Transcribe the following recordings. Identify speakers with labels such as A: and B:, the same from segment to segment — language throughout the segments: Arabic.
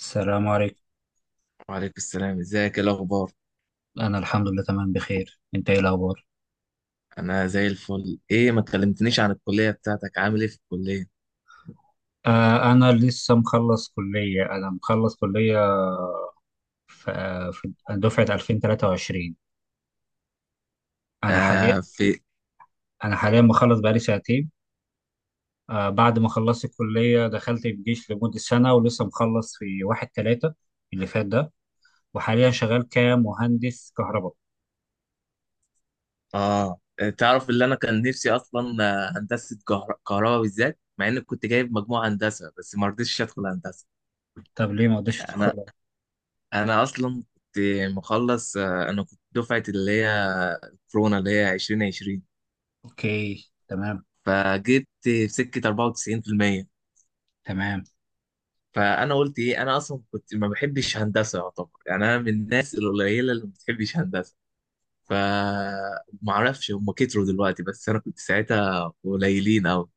A: السلام عليكم.
B: وعليكم السلام، ازيك، ايه الاخبار؟
A: أنا الحمد لله تمام بخير، أنت إيه الأخبار؟
B: انا زي الفل. ايه، ما كلمتنيش عن الكليه بتاعتك. عامل ايه في الكليه؟
A: أنا لسه مخلص كلية، أنا مخلص كلية في دفعة 2023. أنا حاليا
B: آه، في.
A: أنا حاليا مخلص بقالي سنتين. بعد ما خلصت الكلية دخلت الجيش لمدة سنة، ولسه مخلص في واحد تلاتة اللي فات ده، وحاليا شغال كمهندس كهرباء.
B: اه، تعرف اللي انا كان نفسي اصلا هندسه كهرباء بالذات، مع اني كنت جايب مجموع هندسه بس ما رضيتش ادخل هندسه.
A: طب ليه ما قدرتش
B: انا
A: تدخل؟
B: انا اصلا كنت مخلص، انا كنت دفعه اللي هي كورونا اللي هي 2020،
A: أوكي تمام.
B: فجبت في سكه 94%.
A: تمام.
B: فانا قلت ايه، انا اصلا كنت ما بحبش هندسه، يعتبر، يعني انا من الناس القليله اللي ما بتحبش هندسه. فمعرفش، هم كتروا دلوقتي بس انا كنت ساعتها قليلين قوي.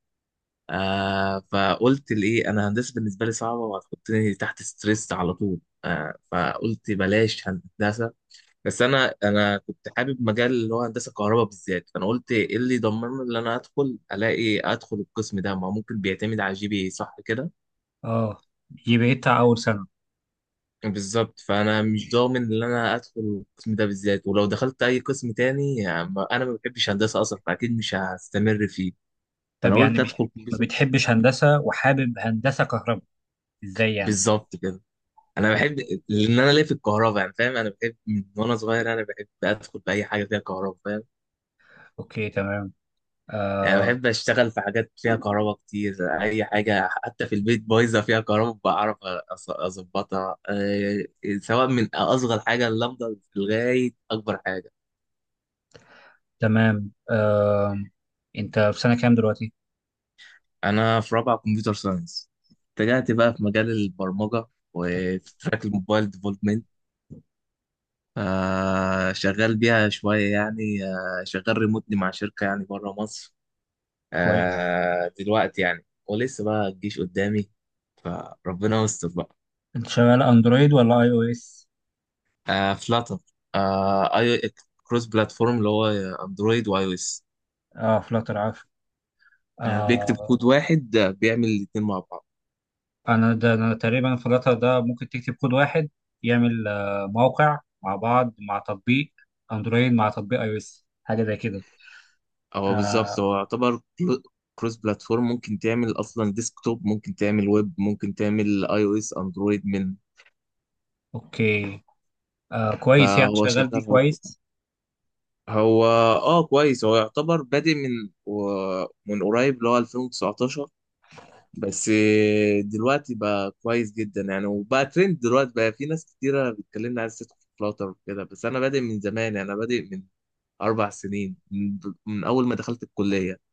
B: فقلت لإيه، أنا هندسة بالنسبة لي صعبة وهتحطني تحت ستريس على طول. فقلت بلاش هندسة. بس أنا كنت حابب مجال اللي هو هندسة كهرباء بالذات. فأنا قلت إيه اللي يضمن لي إن أنا أدخل ألاقي أدخل القسم ده؟ ما هو ممكن بيعتمد على جي بي إيه، صح كده؟
A: أه دي بقيت أول سنة.
B: بالظبط. فانا مش ضامن ان انا ادخل القسم ده بالذات، ولو دخلت اي قسم تاني يعني انا ما بحبش هندسه اصلا، فاكيد مش هستمر فيه.
A: طب
B: فانا
A: يعني
B: قلت
A: مش،
B: ادخل
A: ما
B: كمبيوتر.
A: بتحبش هندسة وحابب هندسة كهرباء، ازاي يعني؟
B: بالظبط كده. انا بحب،
A: إزاي؟
B: لان انا ليا في الكهرباء، يعني فاهم؟ انا بحب من وانا صغير، انا بحب ادخل في اي حاجه فيها كهرباء، فاهم؟
A: اوكي تمام.
B: يعني
A: آه،
B: بحب اشتغل في حاجات فيها كهرباء كتير. اي
A: أوكي.
B: حاجه حتى في البيت بايظه فيها كهرباء بعرف اظبطها، سواء من اصغر حاجه اللمبه لغايه اكبر حاجه.
A: تمام. انت في سنة كام دلوقتي؟
B: انا في رابعه كمبيوتر ساينس. اتجهت بقى في مجال البرمجه وفي تراك الموبايل ديفلوبمنت. شغال بيها شويه يعني. شغال ريموتلي مع شركه يعني بره مصر
A: كويس.
B: دلوقتي يعني، ولسه بقى الجيش قدامي، فربنا يستر بقى.
A: انت شغال اندرويد ولا اي او اس؟
B: فلاتر. اي كروس بلاتفورم، اللي هو اندرويد واي او اس.
A: اه، فلاتر عفوا.
B: بيكتب
A: آه.
B: كود واحد، بيعمل الاتنين مع بعض.
A: انا تقريبا فلاتر ده، ممكن تكتب كود واحد يعمل موقع مع بعض، مع تطبيق اندرويد، مع تطبيق اي او اس، حاجة زي كده.
B: هو
A: آه.
B: بالظبط، هو يعتبر كروس بلاتفورم. ممكن تعمل اصلا ديسكتوب، ممكن تعمل ويب، ممكن تعمل اي او اس اندرويد من.
A: اوكي. آه. كويس يعني،
B: فهو
A: شغال دي
B: شغال. هو
A: كويس.
B: هو اه كويس. هو يعتبر بادئ من من قريب اللي هو 2019. بس دلوقتي بقى كويس جدا يعني، وبقى ترند دلوقتي، بقى في ناس كتيرة بتكلمني عايز تدخل فلاتر وكده. بس انا بادئ من زمان يعني، انا بادئ من 4 سنين، من اول ما دخلت الكلية.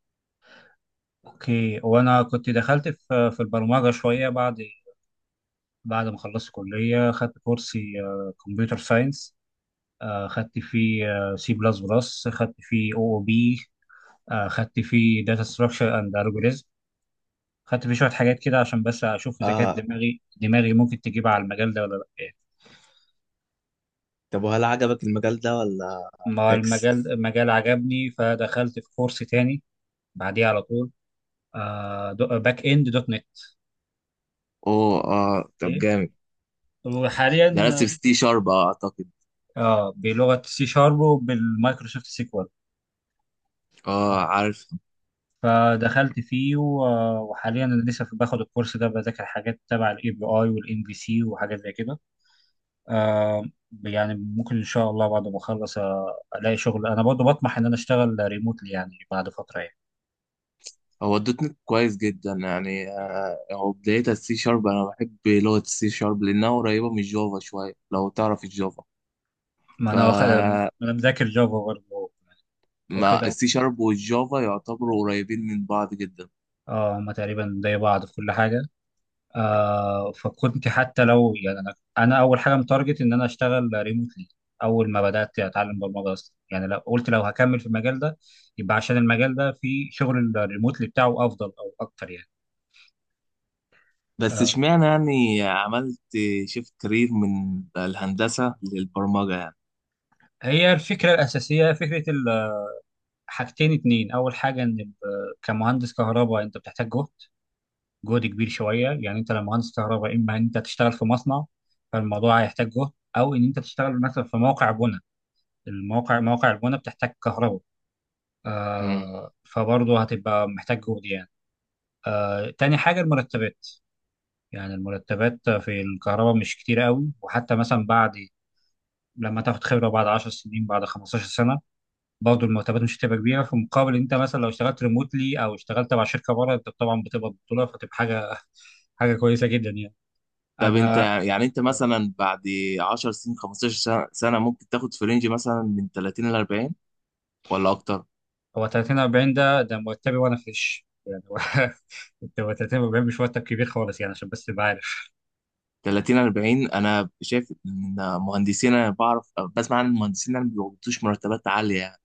A: اوكي، وانا كنت دخلت في البرمجه شويه بعد، بعد ما خلصت كليه خدت كورسي كمبيوتر ساينس. خدت فيه سي بلس بلس، خدت فيه او او بي، خدت فيه داتا ستراكشر اند الجوريزم، خدت فيه شويه حاجات كده عشان بس اشوف اذا كانت
B: اه.
A: دماغي ممكن تجيب على المجال ده ولا لا.
B: طب وهل عجبك المجال ده ولا؟
A: ما
B: فيكس.
A: المجال عجبني، فدخلت في كورس تاني بعديه على طول، باك اند دوت نت.
B: اوه، اه طب
A: اوكي،
B: جامد.
A: وحاليا.
B: درست في سي شارب، اعتقد.
A: اه، بلغه سي شارب وبالمايكروسوفت سيكوال.
B: اه
A: آه،
B: عارف.
A: فدخلت فيه وحاليا انا لسه باخد الكورس ده، بذاكر حاجات تبع الاي بي اي والان بي سي وحاجات زي كده. آه يعني ممكن ان شاء الله بعد ما اخلص الاقي شغل، انا برضه بطمح ان انا اشتغل ريموتلي يعني بعد فتره يعني.
B: هو الدوت نت كويس جدا يعني. آه، هو بدايتها السي شارب. انا بحب لغة السي شارب لانها قريبة من الجافا شوية، لو تعرف الجافا.
A: ما
B: ف
A: انا واخد، ما انا مذاكر جافا برضه،
B: ما
A: واخدها.
B: السي شارب والجافا يعتبروا قريبين من بعض جدا.
A: اه، هما تقريبا زي بعض في كل حاجه. فكنت حتى لو يعني انا اول حاجه متارجت ان انا اشتغل ريموتلي، اول ما بدات اتعلم برمجه اصلا، يعني لو قلت لو هكمل في المجال ده يبقى عشان المجال ده في شغل الريموتلي بتاعه افضل او اكتر يعني.
B: بس
A: آه
B: اشمعنى يعني عملت شيفت كارير من الهندسة للبرمجة يعني؟
A: هي الفكره الاساسيه، فكره ال-، حاجتين اتنين، اول حاجه ان ال-، كمهندس كهرباء انت بتحتاج جهد، جهد كبير شويه يعني. انت لو مهندس كهرباء، اما ان انت تشتغل في مصنع فالموضوع هيحتاج جهد، او ان انت تشتغل مثلا في موقع بناء، مواقع البناء بتحتاج كهرباء.
B: مم.
A: فبرضه هتبقى محتاج جهد يعني. تاني حاجة المرتبات. يعني المرتبات في الكهرباء مش كتير قوي، وحتى مثلا بعد لما تاخد خبرة، بعد 10 سنين، بعد 15 سنة، برضه المرتبات مش هتبقى كبيرة، في مقابل انت مثلا لو اشتغلت ريموتلي او اشتغلت مع شركة بره، انت طبعا بتبقى بطولة فتبقى حاجة حاجة كويسة جدا يعني. اه،
B: طب انت
A: انا.
B: يعني انت مثلا بعد 10 سنين، 15 سنة، ممكن تاخد في رينج مثلا من 30 ل 40، ولا اكتر؟
A: هو 30 40 ده مرتبي وانا فريش يعني انت، هو 30 40 مش مرتب كبير خالص يعني، عشان بس تبقى عارف.
B: 30 40، انا شايف ان مهندسين انا بعرف، بسمع عن المهندسين، انا ما بيقبضوش مرتبات عاليه يعني.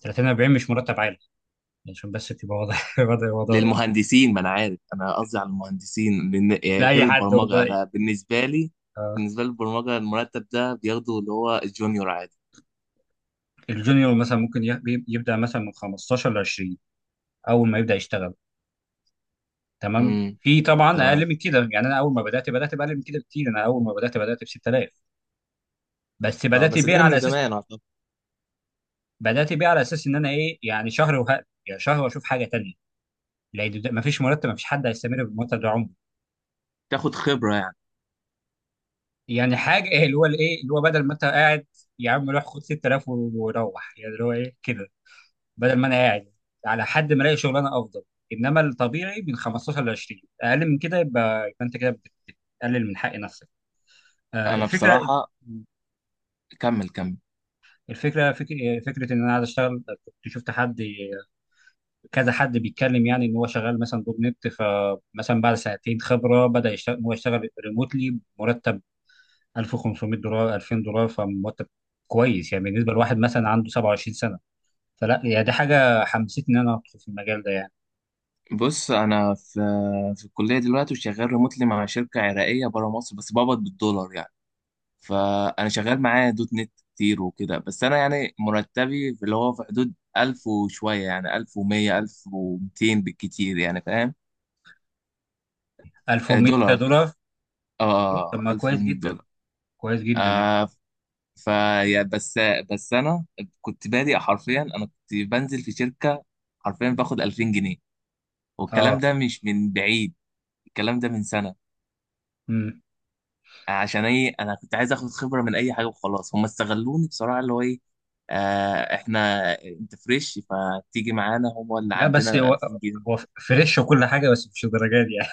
A: 30 40 مش مرتب عالي. عشان بس تبقى واضح واضح الموضوع ده.
B: للمهندسين. ما انا عارف، انا قصدي على المهندسين، لان يعني غير
A: لأي حد
B: البرمجه
A: والله.
B: انا بالنسبه لي،
A: آه.
B: بالنسبه للبرمجه المرتب ده بياخده اللي هو الجونيور عادي.
A: الجونيور مثلا ممكن يبدأ مثلا من 15 ل 20، أول ما يبدأ يشتغل. تمام،
B: امم
A: في طبعا
B: تمام.
A: أقل من كده يعني، أنا أول ما بدأت بأقل من كده بكتير، أنا أول ما بدأت ب 6,000. بس
B: اه
A: بدأت
B: بس
A: بيه
B: ده من
A: على أساس
B: زمان اعتقد.
A: بدأت بيه على أساس إن أنا إيه، يعني شهر وهقل، يعني شهر وأشوف حاجة تانية. لأن مفيش مرتب، مفيش حد هيستمر بالمرتب ده عمره.
B: تاخد خبره يعني.
A: يعني حاجة اللي هو الإيه، اللي هو بدل ما أنت قاعد يا عم روح خد 6,000 وروح، يعني اللي هو إيه كده، بدل ما انا قاعد على حد ما الاقي شغلانه افضل. انما الطبيعي من 15 ل 20، اقل من كده يبقى انت كده بتقلل من حق نفسك. آه،
B: انا
A: الفكره
B: بصراحه، كمل كمل.
A: الفكره فك... فكره ان انا عايز اشتغل، كنت شفت حد، كذا حد بيتكلم يعني ان هو شغال مثلا دوت نت، فمثلا بعد سنتين خبره، بدا يشتغل، هو يشتغل ريموتلي بمرتب 1500 دولار، 2000 دولار، فمرتب كويس يعني بالنسبه لواحد مثلا عنده 27 سنه. فلا يعني، دي حاجه حمستني ان انا ادخل في المجال ده يعني.
B: بص، انا في في الكليه دلوقتي وشغال ريموتلي مع شركه عراقيه بره مصر، بس بقبض بالدولار يعني. فانا شغال معاه دوت نت كتير وكده، بس انا يعني مرتبي في اللي هو في حدود 1000 وشويه، يعني 1100 1200 بالكتير يعني، فاهم؟
A: 1100
B: دولار.
A: دولار إيه، طب
B: اه،
A: ما كويس
B: 1100
A: جدا،
B: دولار
A: كويس جدا يعني.
B: آه ف يا- بس بس انا كنت بادئ حرفيا. انا كنت بنزل في شركه حرفيا باخد 2000 جنيه، والكلام
A: اه.
B: ده مش من بعيد، الكلام ده من سنه.
A: مم.
B: عشان ايه؟ انا كنت عايز اخد خبره من اي حاجه وخلاص. هم استغلوني بصراحه، اللي هو ايه، احنا انت فريش فتيجي معانا، هم اللي
A: لا، بس
B: عندنا
A: هو
B: 2000
A: هو
B: جنيه
A: فريش وكل حاجه، بس مش الدرجات دي يعني.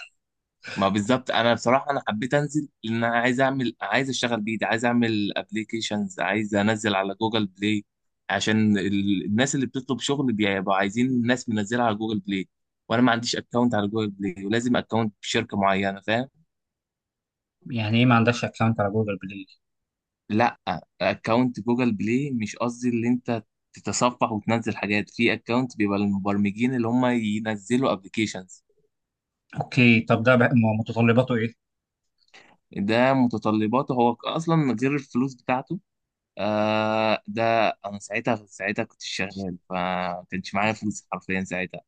B: ما بالظبط. انا بصراحه انا حبيت انزل، لان انا عايز اعمل، عايز اشتغل بايدي، عايز اعمل ابلكيشنز، عايز انزل على جوجل بلاي، عشان الناس اللي بتطلب شغل بيبقوا عايزين الناس منزلها على جوجل بلاي، وانا ما عنديش اكونت على جوجل بلاي، ولازم اكونت بشركه معينه، فاهم؟
A: يعني ايه ما عندكش اكونت على جوجل بلاي؟
B: لا، اكونت جوجل بلاي مش قصدي اللي انت تتصفح وتنزل حاجات، في اكونت بيبقى للمبرمجين اللي هم ينزلوا ابلكيشنز.
A: اوكي، طب ده بقى متطلباته ايه؟
B: ده متطلباته هو اصلا من غير الفلوس بتاعته. ده، انا ساعتها كنت شغال فما كانش معايا فلوس حرفيا ساعتها.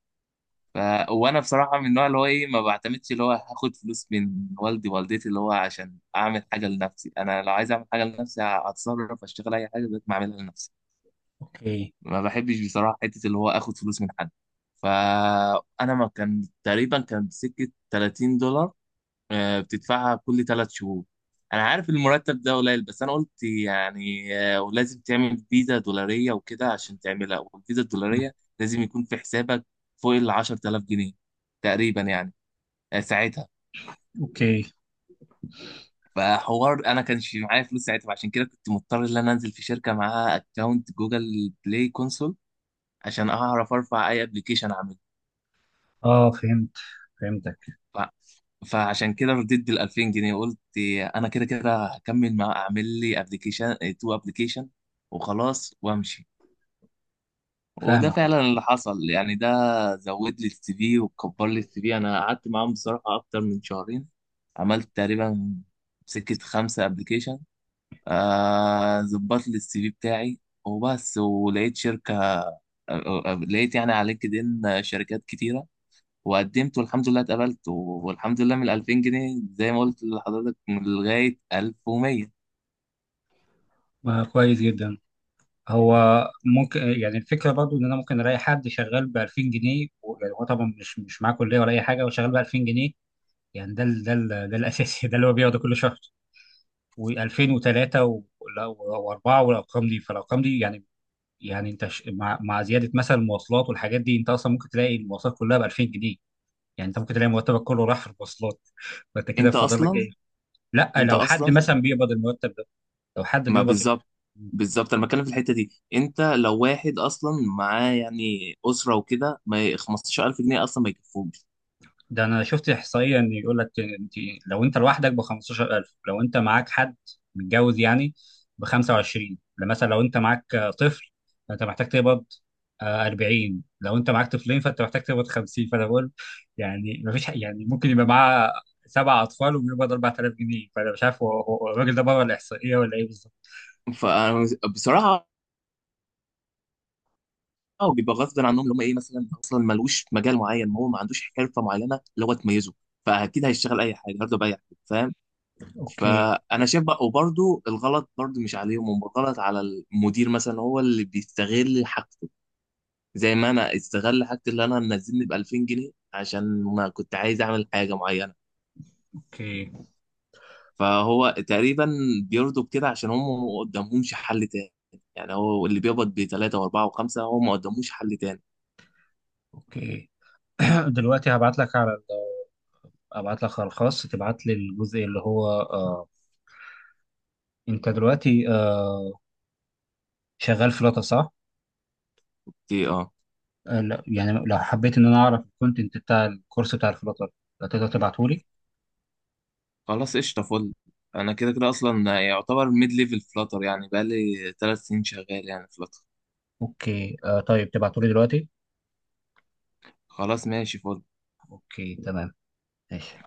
B: ف وانا بصراحه من النوع اللي هو ايه، ما بعتمدش اللي هو هاخد فلوس من والدي والدتي اللي هو عشان اعمل حاجه لنفسي. انا لو عايز اعمل حاجه لنفسي هتصرف، اشتغل اي حاجه بقيت ما اعملها لنفسي.
A: اوكي.
B: ما بحبش بصراحة حتة اللي هو اخد فلوس من حد. فانا ما كان تقريبا كان سكة $30، بتدفعها كل 3 شهور. انا عارف المرتب ده قليل بس انا قلت يعني، ولازم تعمل فيزا دولارية وكده عشان تعملها، والفيزا
A: مم.
B: الدولارية لازم يكون في حسابك فوق ال 10,000 جنيه تقريبا يعني، ساعتها.
A: اوكي.
B: فحوار انا كانش معايا فلوس ساعتها، عشان كده كنت مضطر ان انا انزل في شركة معاها اكونت جوجل بلاي كونسول عشان اعرف ارفع اي ابلكيشن.
A: اه، فهمت. فهمتك.
B: ف... فعشان كده رديت بال 2000 جنيه. قلت انا كده كده هكمل، مع اعمل لي ابلكيشن تو ابلكيشن وخلاص وامشي. وده
A: فاهمك.
B: فعلا اللي حصل يعني. ده زود لي السي في وكبر لي السي في. انا قعدت معاهم بصراحه اكتر من شهرين. عملت تقريبا سكه 5 ابلكيشن، ظبط لي السي في بتاعي وبس. ولقيت شركه، لقيت يعني على لينكد ان شركات كتيره، وقدمت والحمد لله اتقبلت. والحمد لله من 2000 جنيه زي ما قلت لحضرتك، من لغاية 1100.
A: آه، كويس جدا. هو ممكن يعني الفكره برضو ان انا ممكن الاقي حد شغال ب 2000 جنيه يعني هو طبعا مش معاه كليه ولا اي حاجه وشغال ب 2000 جنيه. يعني ده الاساسي ده اللي هو بياخده كل شهر. و2003 و4 والارقام دي، فالارقام دي يعني. يعني انت مع زياده مثلا المواصلات والحاجات دي، انت اصلا ممكن تلاقي المواصلات كلها ب 2000 جنيه. يعني انت ممكن تلاقي مرتبك كله راح في المواصلات فانت كده
B: انت
A: فاضل لك
B: اصلا
A: ايه؟ لا،
B: انت
A: لو حد
B: اصلا
A: مثلا بيقبض المرتب ده، لو حد
B: ما
A: بيقبض،
B: بالظبط انا بتكلم في الحتة دي، انت لو واحد اصلا معاه يعني اسرة وكده ما ي- 15,000 جنيه اصلا ما يكفوش.
A: ده انا شفت احصائيه ان يقول لك، انت لو انت لوحدك ب 15,000، لو انت معاك حد متجوز يعني ب 25 مثلا، لو انت معاك طفل فانت محتاج تقبض 40، لو انت معاك طفلين فانت محتاج تقبض 50 فانا بقول. يعني ما فيش يعني ممكن يبقى معاه سبع اطفال وبيقبض 4000 جنيه، فانا مش عارف هو الراجل ده بره الاحصائيه ولا ايه بالظبط.
B: فبصراحة اه، بيبقى غصب عنهم اللي هم ايه، مثلا اصلا ملوش مجال معين، هو ما عندوش حرفة معينة اللي هو تميزه، فاكيد هيشتغل اي حاجة برضه باي حاجة، فاهم؟
A: اوكي،
B: فانا شايف بقى، وبرده الغلط برده مش عليهم، هم الغلط على المدير مثلا، هو اللي بيستغل حاجته، زي ما انا استغل حاجتي اللي انا منزلني ب 2000 جنيه عشان ما كنت عايز اعمل حاجه معينه.
A: اوكي،
B: فهو تقريبا بيرضوا بكده عشان هم ما قدامهمش حل تاني. يعني هو اللي بيقبض بثلاثه واربعه وخمسه هو ما قدامهوش حل تاني.
A: اوكي. دلوقتي هبعت لك على ال-، ابعت لك على الخاص تبعت لي الجزء اللي هو، انت دلوقتي شغال فلاتر صح؟
B: في إيه؟ اه.
A: لا يعني، لو حبيت ان انا اعرف الكونتنت بتاع الكورس بتاع الفلاتر، تقدر تبعته لي؟
B: خلاص قشطه. فل، انا كده كده اصلا يعتبر ميد ليفل فلاتر يعني، بقالي 3 سنين شغال يعني فلاتر.
A: اوكي، طيب تبعته لي دلوقتي؟
B: خلاص ماشي. فل.
A: اوكي تمام، ماشي.